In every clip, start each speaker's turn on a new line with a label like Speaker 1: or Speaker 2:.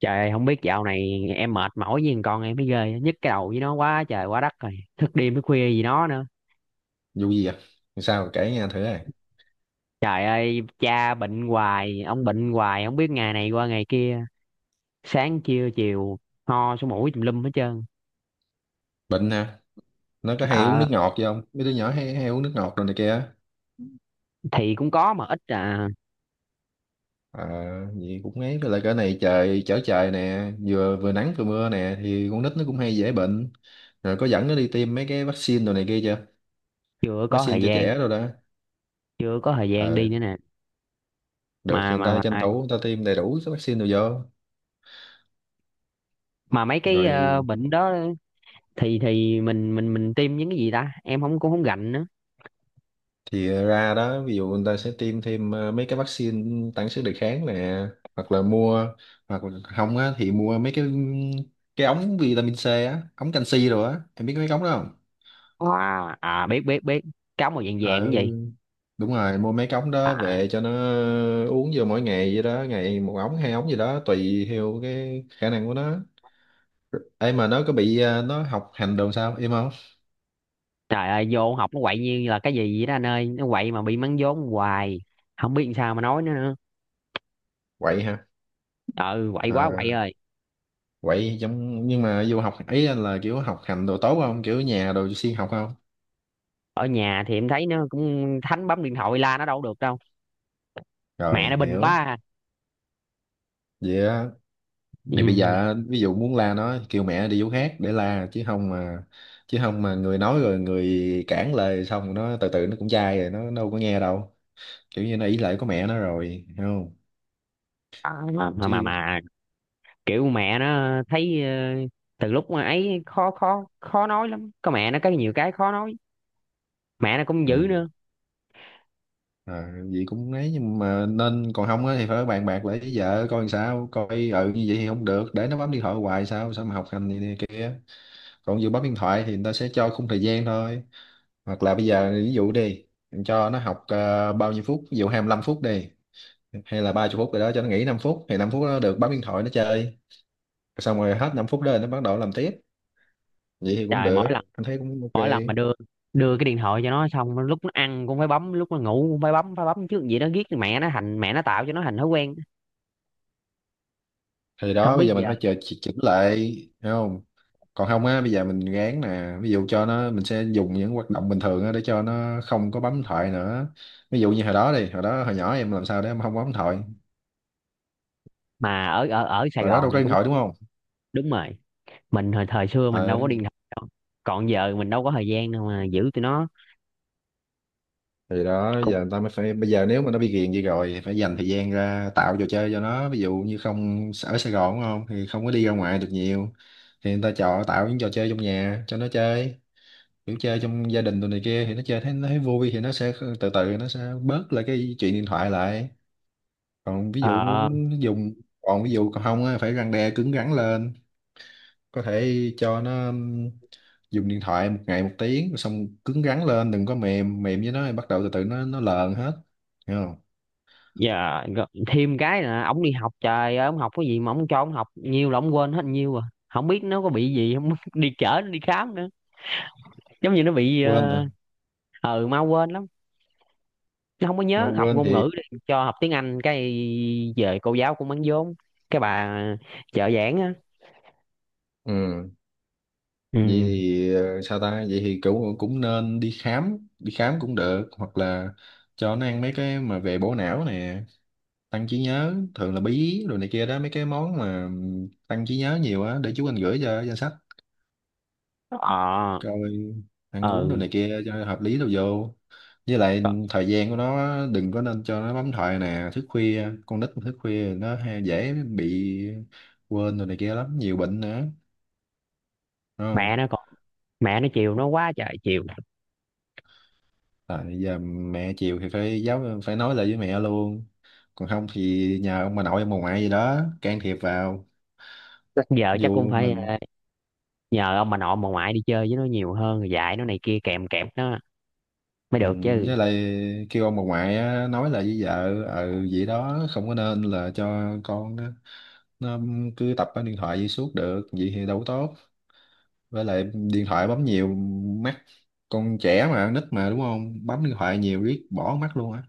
Speaker 1: Trời không biết dạo này em mệt mỏi với thằng con em mới ghê, nhức cái đầu với nó quá trời quá đất rồi, thức đêm thức khuya gì nó nữa.
Speaker 2: Vụ gì vậy? Sao kể nghe thử này.
Speaker 1: Trời ơi, cha bệnh hoài, ông bệnh hoài, không biết, ngày này qua ngày kia, sáng trưa chiều ho sổ mũi tùm lum hết trơn.
Speaker 2: Bệnh hả? Nó có hay uống
Speaker 1: ờ
Speaker 2: nước ngọt vậy không? Mấy đứa nhỏ hay hay uống nước ngọt rồi này kia á.
Speaker 1: thì cũng có mà ít à.
Speaker 2: À, vậy cũng ấy. Với lại cái này trời chở trời nè, vừa vừa nắng vừa mưa nè thì con nít nó cũng hay dễ bệnh. Rồi có dẫn nó đi tiêm mấy cái vaccine đồ này kia chưa?
Speaker 1: Chưa có
Speaker 2: Vaccine
Speaker 1: thời
Speaker 2: cho
Speaker 1: gian.
Speaker 2: trẻ rồi đó.
Speaker 1: Chưa có thời gian đi
Speaker 2: Ờ,
Speaker 1: nữa nè.
Speaker 2: được
Speaker 1: mà
Speaker 2: thì người
Speaker 1: mà
Speaker 2: ta tranh
Speaker 1: mà,
Speaker 2: thủ người ta tiêm đầy đủ cái vaccine rồi vô.
Speaker 1: mà mấy cái
Speaker 2: Rồi
Speaker 1: bệnh đó, thì mình tiêm những cái gì ta, em không cũng không gành nữa.
Speaker 2: thì ra đó, ví dụ người ta sẽ tiêm thêm mấy cái vaccine tăng sức đề kháng nè. Hoặc là mua, hoặc là không á thì mua mấy cái ống vitamin C á, ống canxi rồi á, em biết mấy cái ống đó không?
Speaker 1: Wow. À, biết biết biết, cáo màu vàng vàng
Speaker 2: Ừ,
Speaker 1: cái gì.
Speaker 2: đúng rồi, mua mấy cái ống đó
Speaker 1: À.
Speaker 2: về cho nó uống vô mỗi ngày vậy đó, ngày một ống hai ống gì đó tùy theo cái khả năng của nó. Em, mà nó có bị nó học hành đồ sao em không?
Speaker 1: Trời ơi, vô học nó quậy như là cái gì vậy đó anh ơi. Nó quậy mà bị mắng vốn hoài. Không biết làm sao mà nói nữa nữa.
Speaker 2: Quậy hả?
Speaker 1: Ừ, quậy quá quậy
Speaker 2: à,
Speaker 1: ơi.
Speaker 2: Quậy giống nhưng mà vô học ấy là kiểu học hành đồ tốt không, kiểu nhà đồ siêng học không?
Speaker 1: Ở nhà thì em thấy nó cũng thánh bấm điện thoại, la nó đâu có được đâu. Mẹ nó
Speaker 2: Rồi
Speaker 1: bình quá
Speaker 2: hiểu
Speaker 1: à.
Speaker 2: vậy á, thì bây
Speaker 1: Ừ.
Speaker 2: giờ ví dụ muốn la nó kêu mẹ đi chỗ khác để la, chứ không mà người nói rồi người cản lời xong nó từ từ nó cũng chai rồi, nó đâu có nghe đâu. Kiểu như nó ỷ lại có mẹ nó rồi, hiểu không?
Speaker 1: Mà, mà
Speaker 2: Chứ.
Speaker 1: mà kiểu mẹ nó thấy từ lúc mà ấy khó, khó nói lắm. Có mẹ nó có nhiều cái khó nói. Mẹ nó cũng
Speaker 2: Ừ.
Speaker 1: dữ nữa.
Speaker 2: À, vậy cũng ấy nhưng mà nên, còn không á thì phải bàn bạc lại với vợ coi làm sao coi. Ừ, như vậy thì không được để nó bấm điện thoại hoài, sao sao mà học hành gì nè. Còn ví dụ bấm điện thoại thì người ta sẽ cho khung thời gian thôi. Hoặc là bây giờ ví dụ đi, mình cho nó học bao nhiêu phút, ví dụ 25 phút đi, hay là 30 phút rồi đó cho nó nghỉ 5 phút, thì 5 phút nó được bấm điện thoại nó chơi, xong rồi hết 5 phút đó nó bắt đầu làm tiếp. Vậy thì cũng
Speaker 1: Trời, mỗi
Speaker 2: được,
Speaker 1: lần
Speaker 2: anh thấy cũng ok.
Speaker 1: mỗi lần mà đưa đưa cái điện thoại cho nó, xong lúc nó ăn cũng phải bấm, lúc nó ngủ cũng phải bấm, phải bấm trước vậy đó. Ghét mẹ nó, thành mẹ nó tạo cho nó thành thói quen.
Speaker 2: Thì
Speaker 1: Không
Speaker 2: đó bây
Speaker 1: biết
Speaker 2: giờ mình
Speaker 1: giờ,
Speaker 2: phải chờ chỉnh lại, thấy không? Còn không á bây giờ mình gán nè, ví dụ cho nó mình sẽ dùng những hoạt động bình thường á để cho nó không có bấm điện thoại nữa. Ví dụ như hồi đó đi hồi đó hồi nhỏ em làm sao để em không bấm điện thoại,
Speaker 1: mà ở ở ở Sài
Speaker 2: hồi đó
Speaker 1: Gòn
Speaker 2: đâu có
Speaker 1: này
Speaker 2: điện
Speaker 1: cũng,
Speaker 2: thoại đúng không?
Speaker 1: đúng rồi, mình hồi thời xưa mình
Speaker 2: Ờ,
Speaker 1: đâu có điện thoại đâu. Còn giờ mình đâu có thời gian đâu mà giữ tụi nó.
Speaker 2: thì đó
Speaker 1: Cũng.
Speaker 2: giờ người ta mới phải, bây giờ nếu mà nó bị ghiền gì rồi thì phải dành thời gian ra tạo trò chơi cho nó, ví dụ như không ở Sài Gòn đúng không thì không có đi ra ngoài được nhiều. Thì người ta chọn tạo những trò chơi trong nhà cho nó chơi, kiểu chơi trong gia đình tụi này kia thì nó chơi, thấy nó thấy vui thì nó sẽ từ từ nó sẽ bớt lại cái chuyện điện thoại lại. còn ví dụ
Speaker 1: Ờ.
Speaker 2: muốn dùng Còn ví dụ còn không á, phải răn đe cứng rắn lên, có thể cho nó dùng điện thoại một ngày một tiếng rồi xong, cứng rắn lên đừng có mềm mềm với nó thì bắt đầu từ từ nó lờn hết, hiểu không?
Speaker 1: Giờ thêm cái là ổng đi học, trời ơi, ổng học cái gì mà ổng cho ổng học nhiều là ổng quên hết nhiều à. Không biết nó có bị gì không đi chở nó đi khám nữa. Giống như nó bị,
Speaker 2: Quên à?
Speaker 1: ờ ừ, mau quên lắm. Nó không có
Speaker 2: Mà
Speaker 1: nhớ, học
Speaker 2: quên
Speaker 1: ngôn
Speaker 2: thì,
Speaker 1: ngữ đi cho học tiếng Anh, cái về cô giáo cũng bán vốn, cái bà trợ giảng á.
Speaker 2: ừ
Speaker 1: Ừ.
Speaker 2: vậy thì sao ta, vậy thì cũng cũng nên đi khám, đi khám cũng được, hoặc là cho nó ăn mấy cái mà về bổ não nè, tăng trí nhớ thường là bí rồi này kia đó mấy cái món mà tăng trí nhớ nhiều á, để chú anh gửi cho danh sách
Speaker 1: Ờ.
Speaker 2: coi. Ăn uống đồ
Speaker 1: Ừ.
Speaker 2: này kia cho hợp lý đâu vô. Với lại thời gian của nó đừng có nên cho nó bấm thoại nè, thức khuya, con nít mà thức khuya nó hay dễ bị quên rồi này kia lắm, nhiều bệnh nữa, đúng không?
Speaker 1: Mẹ nó còn, mẹ nó chiều nó quá trời chiều.
Speaker 2: Tại giờ mẹ chiều thì phải giáo, phải nói lại với mẹ luôn, còn không thì nhờ ông bà nội ông bà ngoại gì đó can thiệp vào,
Speaker 1: Chắc giờ chắc cũng
Speaker 2: dù
Speaker 1: phải
Speaker 2: mình.
Speaker 1: nhờ ông bà nội bà ngoại đi chơi với nó nhiều hơn, rồi dạy nó này kia, kèm kẹp nó mới
Speaker 2: Ừ,
Speaker 1: được chứ.
Speaker 2: với lại kêu ông bà ngoại á, nói là với vợ ừ vậy đó, không có nên là cho con nó cứ tập cái điện thoại vậy suốt được, vậy thì đâu có tốt. Với lại điện thoại bấm nhiều mắt, con trẻ mà, nít mà đúng không, bấm điện thoại nhiều riết bỏ mắt luôn á.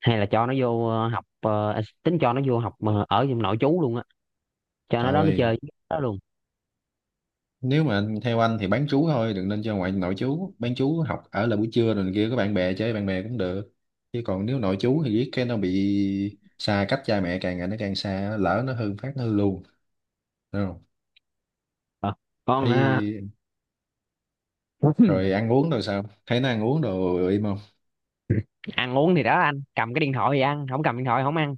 Speaker 1: Hay là cho nó vô học, tính cho nó vô học ở trong nội trú luôn á, cho nó đó, nó chơi
Speaker 2: Thôi,
Speaker 1: với nó luôn.
Speaker 2: nếu mà theo anh thì bán trú thôi, đừng nên cho ngoại, nội chú bán chú học ở là buổi trưa rồi này kia có bạn bè chơi bạn bè cũng được, chứ còn nếu nội chú thì riết cái nó bị xa cách cha mẹ, càng ngày nó càng xa, lỡ nó hư phát nó hư luôn. Đúng không?
Speaker 1: Ờ, con ha.
Speaker 2: Thấy. Rồi ăn uống, rồi sao thấy nó ăn uống đồ im không?
Speaker 1: Ăn uống thì đó, anh, cầm cái điện thoại thì ăn, không cầm điện thoại không ăn.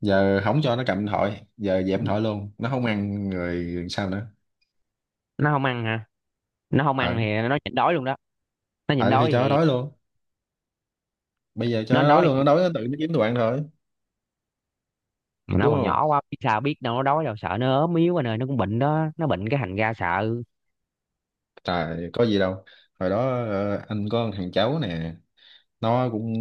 Speaker 2: Giờ không cho nó cầm điện thoại, giờ dẹp điện thoại luôn nó không ăn rồi sao nữa?
Speaker 1: Nó không ăn hả? Nó không
Speaker 2: ờ
Speaker 1: ăn thì nó nhịn đói luôn đó. Nó nhịn
Speaker 2: ờ thì
Speaker 1: đói
Speaker 2: cho nó
Speaker 1: thì,
Speaker 2: đói luôn, bây giờ cho
Speaker 1: nó
Speaker 2: nó đói
Speaker 1: đói,
Speaker 2: luôn, nó đói nó tự nó kiếm đồ ăn thôi.
Speaker 1: nó
Speaker 2: Đúng
Speaker 1: còn
Speaker 2: không?
Speaker 1: nhỏ quá biết sao, biết đâu nó đói đâu, sợ nó ốm yếu anh ơi, nó cũng bệnh đó, nó bệnh cái thành ra sợ.
Speaker 2: Trời có gì đâu, hồi đó anh có thằng cháu nè, nó cũng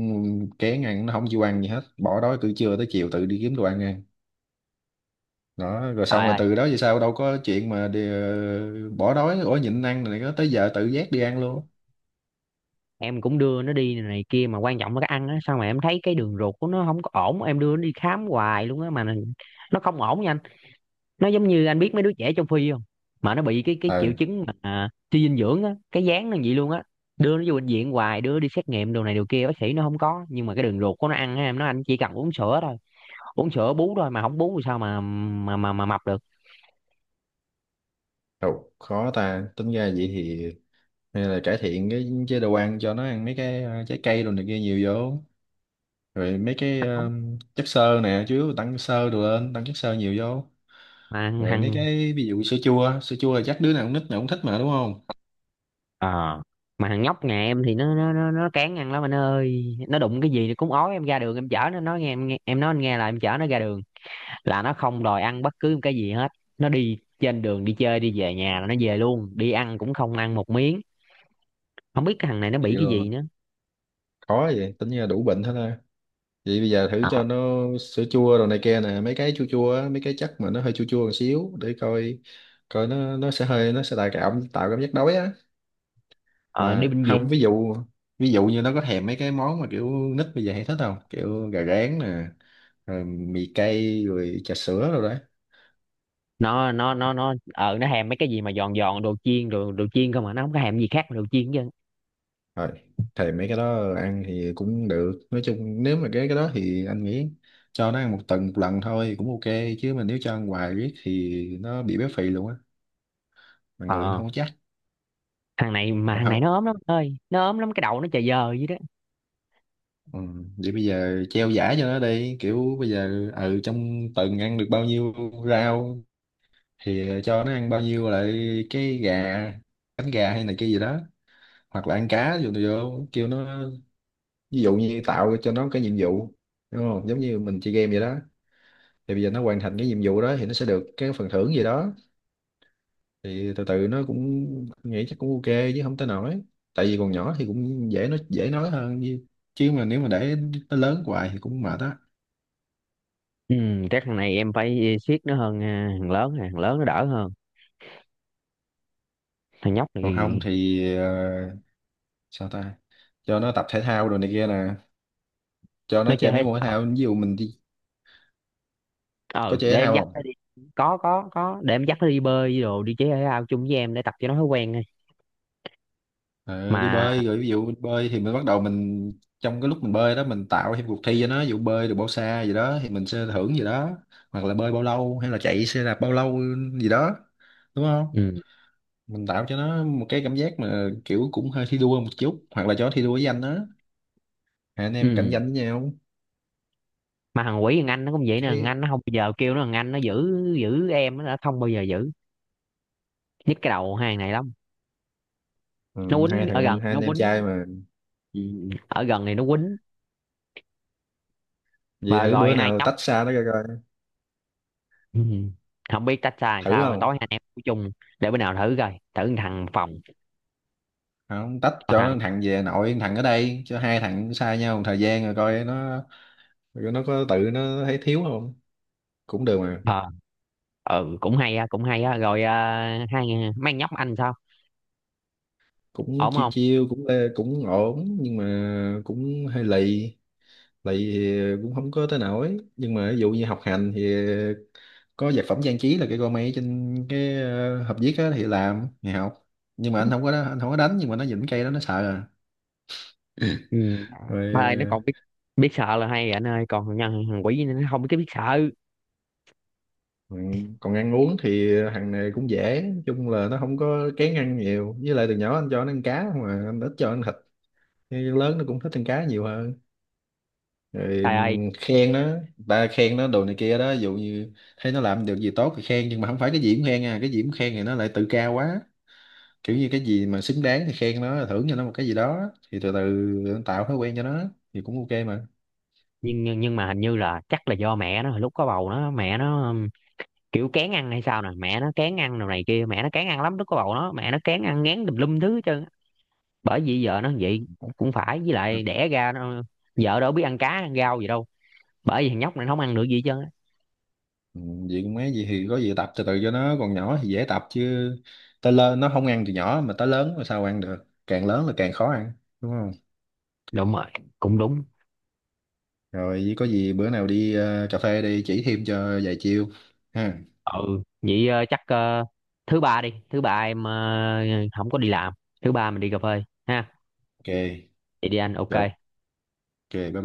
Speaker 2: kén ăn, nó không chịu ăn gì hết, bỏ đói từ trưa tới chiều tự đi kiếm đồ ăn ăn, đó rồi xong
Speaker 1: Trời
Speaker 2: rồi
Speaker 1: ơi,
Speaker 2: từ đó về sau đâu có chuyện mà đi, bỏ đói, ủa nhịn ăn này có, tới giờ tự giác đi ăn luôn.
Speaker 1: em cũng đưa nó đi này kia, mà quan trọng là cái ăn á, sao mà em thấy cái đường ruột của nó không có ổn, em đưa nó đi khám hoài luôn á, mà nó không ổn nha anh. Nó giống như anh biết mấy đứa trẻ trong phi không, mà nó bị cái triệu
Speaker 2: Ừ.
Speaker 1: chứng mà, suy dinh dưỡng á, cái dáng nó vậy luôn á. Đưa nó vô bệnh viện hoài, đưa nó đi xét nghiệm đồ này đồ kia, bác sĩ nó không có, nhưng mà cái đường ruột của nó ăn á, em nói anh, chỉ cần uống sữa thôi, uống sữa bú thôi, mà không bú thì sao mà mà mập được.
Speaker 2: Ồ, khó ta, tính ra vậy thì hay là cải thiện cái chế độ ăn, cho nó ăn mấy cái trái cây đồ này kia nhiều vô, rồi mấy cái
Speaker 1: Không.
Speaker 2: chất xơ nè, chứ tăng xơ đồ lên tăng chất xơ nhiều vô.
Speaker 1: Mà
Speaker 2: Rồi mấy
Speaker 1: hằng.
Speaker 2: cái ví dụ sữa chua, sữa chua là chắc đứa nào cũng, nít nào cũng thích mà, đúng không?
Speaker 1: Ờ, mà thằng nhóc nhà em thì nó cán ăn lắm anh ơi, nó đụng cái gì cũng ói. Em ra đường em chở nó, nói nghe em, nghe em nói anh nghe, là em chở nó ra đường là nó không đòi ăn bất cứ một cái gì hết. Nó đi trên đường, đi chơi đi về nhà là nó về luôn, đi ăn cũng không ăn một miếng. Không biết cái thằng này nó
Speaker 2: Vậy
Speaker 1: bị cái
Speaker 2: là
Speaker 1: gì nữa.
Speaker 2: khó, vậy tính ra đủ bệnh hết ha. Vậy bây giờ thử
Speaker 1: ờ,
Speaker 2: cho nó sữa chua đồ này kia nè, mấy cái chua chua á, mấy cái chất mà nó hơi chua chua một xíu để coi, coi nó sẽ hơi, nó sẽ tạo cảm giác đói á.
Speaker 1: ờ, Đi
Speaker 2: Mà
Speaker 1: bệnh
Speaker 2: không
Speaker 1: viện.
Speaker 2: ví dụ như nó có thèm mấy cái món mà kiểu nít bây giờ hay thích không, kiểu gà rán nè, rồi mì cay rồi trà sữa rồi đấy.
Speaker 1: Nó thèm mấy cái gì mà giòn giòn, đồ chiên, đồ đồ chiên không, mà nó không có thèm gì khác mà đồ chiên chứ.
Speaker 2: Rồi thèm mấy cái đó ăn thì cũng được, nói chung nếu mà cái đó thì anh nghĩ cho nó ăn một tuần một lần thôi cũng ok, chứ mà nếu cho ăn hoài riết thì nó bị béo phì luôn á, mà
Speaker 1: Ờ.
Speaker 2: người nó
Speaker 1: Ờ,
Speaker 2: không có chắc,
Speaker 1: thằng này, mà
Speaker 2: còn
Speaker 1: thằng này
Speaker 2: không.
Speaker 1: nó ốm lắm anh ơi, nó ốm lắm, cái đầu nó chà giờ vậy đó.
Speaker 2: Ừ. Vậy bây giờ treo giải cho nó đi, kiểu bây giờ ừ trong tuần ăn được bao nhiêu rau thì cho nó ăn bao nhiêu lại, cái gà, cánh gà hay này kia gì đó, hoặc là ăn cá vô, kêu nó. Ví dụ như tạo cho nó cái nhiệm vụ, đúng không, giống như mình chơi game vậy đó. Thì bây giờ nó hoàn thành cái nhiệm vụ đó thì nó sẽ được cái phần thưởng gì đó, thì từ từ nó cũng nghĩ chắc cũng ok, chứ không tới nổi, tại vì còn nhỏ thì cũng dễ, nó dễ nói hơn. Như chứ mà nếu mà để nó lớn hoài thì cũng mệt á.
Speaker 1: Ừ, chắc thằng này em phải siết nó hơn. À, thằng lớn, à, thằng lớn nó đỡ hơn. Thằng nhóc
Speaker 2: Còn không
Speaker 1: này.
Speaker 2: thì sao ta, cho nó tập thể thao rồi này kia nè, cho nó
Speaker 1: Nó chơi
Speaker 2: chơi
Speaker 1: thể
Speaker 2: mấy môn thể
Speaker 1: thao.
Speaker 2: thao, ví dụ mình đi, có
Speaker 1: Ờ,
Speaker 2: chơi
Speaker 1: để
Speaker 2: thể
Speaker 1: em
Speaker 2: thao
Speaker 1: dắt
Speaker 2: không?
Speaker 1: nó đi. Có, để em dắt nó đi bơi đi đồ, đi chơi thể thao chung với em để tập cho nó thói quen thôi.
Speaker 2: Ờ, đi
Speaker 1: Mà.
Speaker 2: bơi rồi, ví dụ mình bơi thì mình bắt đầu mình, trong cái lúc mình bơi đó mình tạo thêm cuộc thi cho nó, ví dụ bơi được bao xa gì đó thì mình sẽ thưởng gì đó, hoặc là bơi bao lâu hay là chạy xe đạp bao lâu gì đó, đúng không?
Speaker 1: Ừ.
Speaker 2: Mình tạo cho nó một cái cảm giác mà kiểu cũng hơi thi đua một chút, hoặc là cho nó thi đua với anh đó, hai anh em cạnh
Speaker 1: Ừ.
Speaker 2: tranh với nhau,
Speaker 1: Mà thằng quỷ thằng anh nó cũng vậy nè, thằng
Speaker 2: cái
Speaker 1: anh nó không bao giờ kêu nó, thằng anh nó giữ giữ em nó đã không bao giờ giữ. Nhức cái đầu hai thằng này lắm.
Speaker 2: ừ,
Speaker 1: Nó quýnh, ở gần
Speaker 2: hai
Speaker 1: nó
Speaker 2: anh em
Speaker 1: quýnh.
Speaker 2: trai mà.
Speaker 1: Ừ. Ở gần này nó quýnh.
Speaker 2: Vậy
Speaker 1: Mà
Speaker 2: thử
Speaker 1: rồi
Speaker 2: bữa
Speaker 1: hai
Speaker 2: nào
Speaker 1: nhóc.
Speaker 2: tách xa nó coi coi,
Speaker 1: Ừ. Không biết tách ra làm
Speaker 2: thử
Speaker 1: sao, tối
Speaker 2: không?
Speaker 1: hai anh em ngủ chung. Để bữa nào thử coi, thử thằng phòng.
Speaker 2: Không, tách
Speaker 1: Còn
Speaker 2: cho
Speaker 1: thằng.
Speaker 2: nó thằng về nội, thằng ở đây cho hai thằng xa nhau một thời gian rồi coi nó, rồi nó có tự nó thấy thiếu không? Cũng được mà,
Speaker 1: Ờ. Ừ, cũng hay á, cũng hay á rồi. À, hai, mang nhóc anh sao?
Speaker 2: cũng
Speaker 1: Ổn
Speaker 2: chiêu
Speaker 1: không?
Speaker 2: chiêu cũng cũng ổn nhưng mà cũng hơi lì, lì thì cũng không có tới nổi, nhưng mà ví dụ như học hành thì có vật phẩm trang trí là cái con máy trên cái hộp viết á thì làm, ngày học. Nhưng mà anh không có đánh nhưng mà nó dính cây đó nó sợ à.
Speaker 1: Ừ. Thôi nó
Speaker 2: Rồi
Speaker 1: còn biết, biết sợ là hay rồi anh ơi, còn nhân thằng quỷ nó không biết biết sợ.
Speaker 2: ừ, còn ăn uống thì hàng này cũng dễ, nói chung là nó không có kén ăn nhiều, với lại từ nhỏ anh cho nó ăn cá không mà anh ít cho ăn thịt, nhưng lớn nó cũng thích ăn cá nhiều hơn. Rồi
Speaker 1: Trời ơi.
Speaker 2: khen nó, ta khen nó đồ này kia đó, ví dụ như thấy nó làm được gì tốt thì khen, nhưng mà không phải cái gì cũng khen à, cái gì cũng khen thì nó lại tự cao quá, kiểu như cái gì mà xứng đáng thì khen nó, thưởng cho nó một cái gì đó thì từ từ tạo thói quen cho nó thì cũng ok mà.
Speaker 1: Nhưng mà hình như là chắc là do mẹ nó hồi lúc có bầu nó, mẹ nó kiểu kén ăn hay sao nè, mẹ nó kén ăn đồ này kia, mẹ nó kén ăn lắm, lúc có bầu nó mẹ nó kén ăn, ngán tùm lum thứ hết trơn á. Bởi vì vợ nó vậy cũng phải, với
Speaker 2: À.
Speaker 1: lại đẻ ra nó, vợ đâu biết ăn cá ăn rau gì đâu, bởi vì thằng nhóc này nó không ăn được gì hết trơn á.
Speaker 2: Ừ, vậy cũng mấy gì thì có gì tập từ từ cho nó, còn nhỏ thì dễ tập, chứ tới lớn nó không ăn, từ nhỏ mà tới lớn mà sao ăn được, càng lớn là càng khó ăn, đúng không?
Speaker 1: Đúng rồi, cũng đúng.
Speaker 2: Rồi với có gì bữa nào đi cà phê đi chỉ thêm cho vài chiêu, ha?
Speaker 1: Ừ vậy, chắc, thứ ba đi, thứ ba em không có đi làm, thứ ba mình đi cà phê ha.
Speaker 2: Ok
Speaker 1: Vậy đi anh, ok.
Speaker 2: rồi, ok bye bye.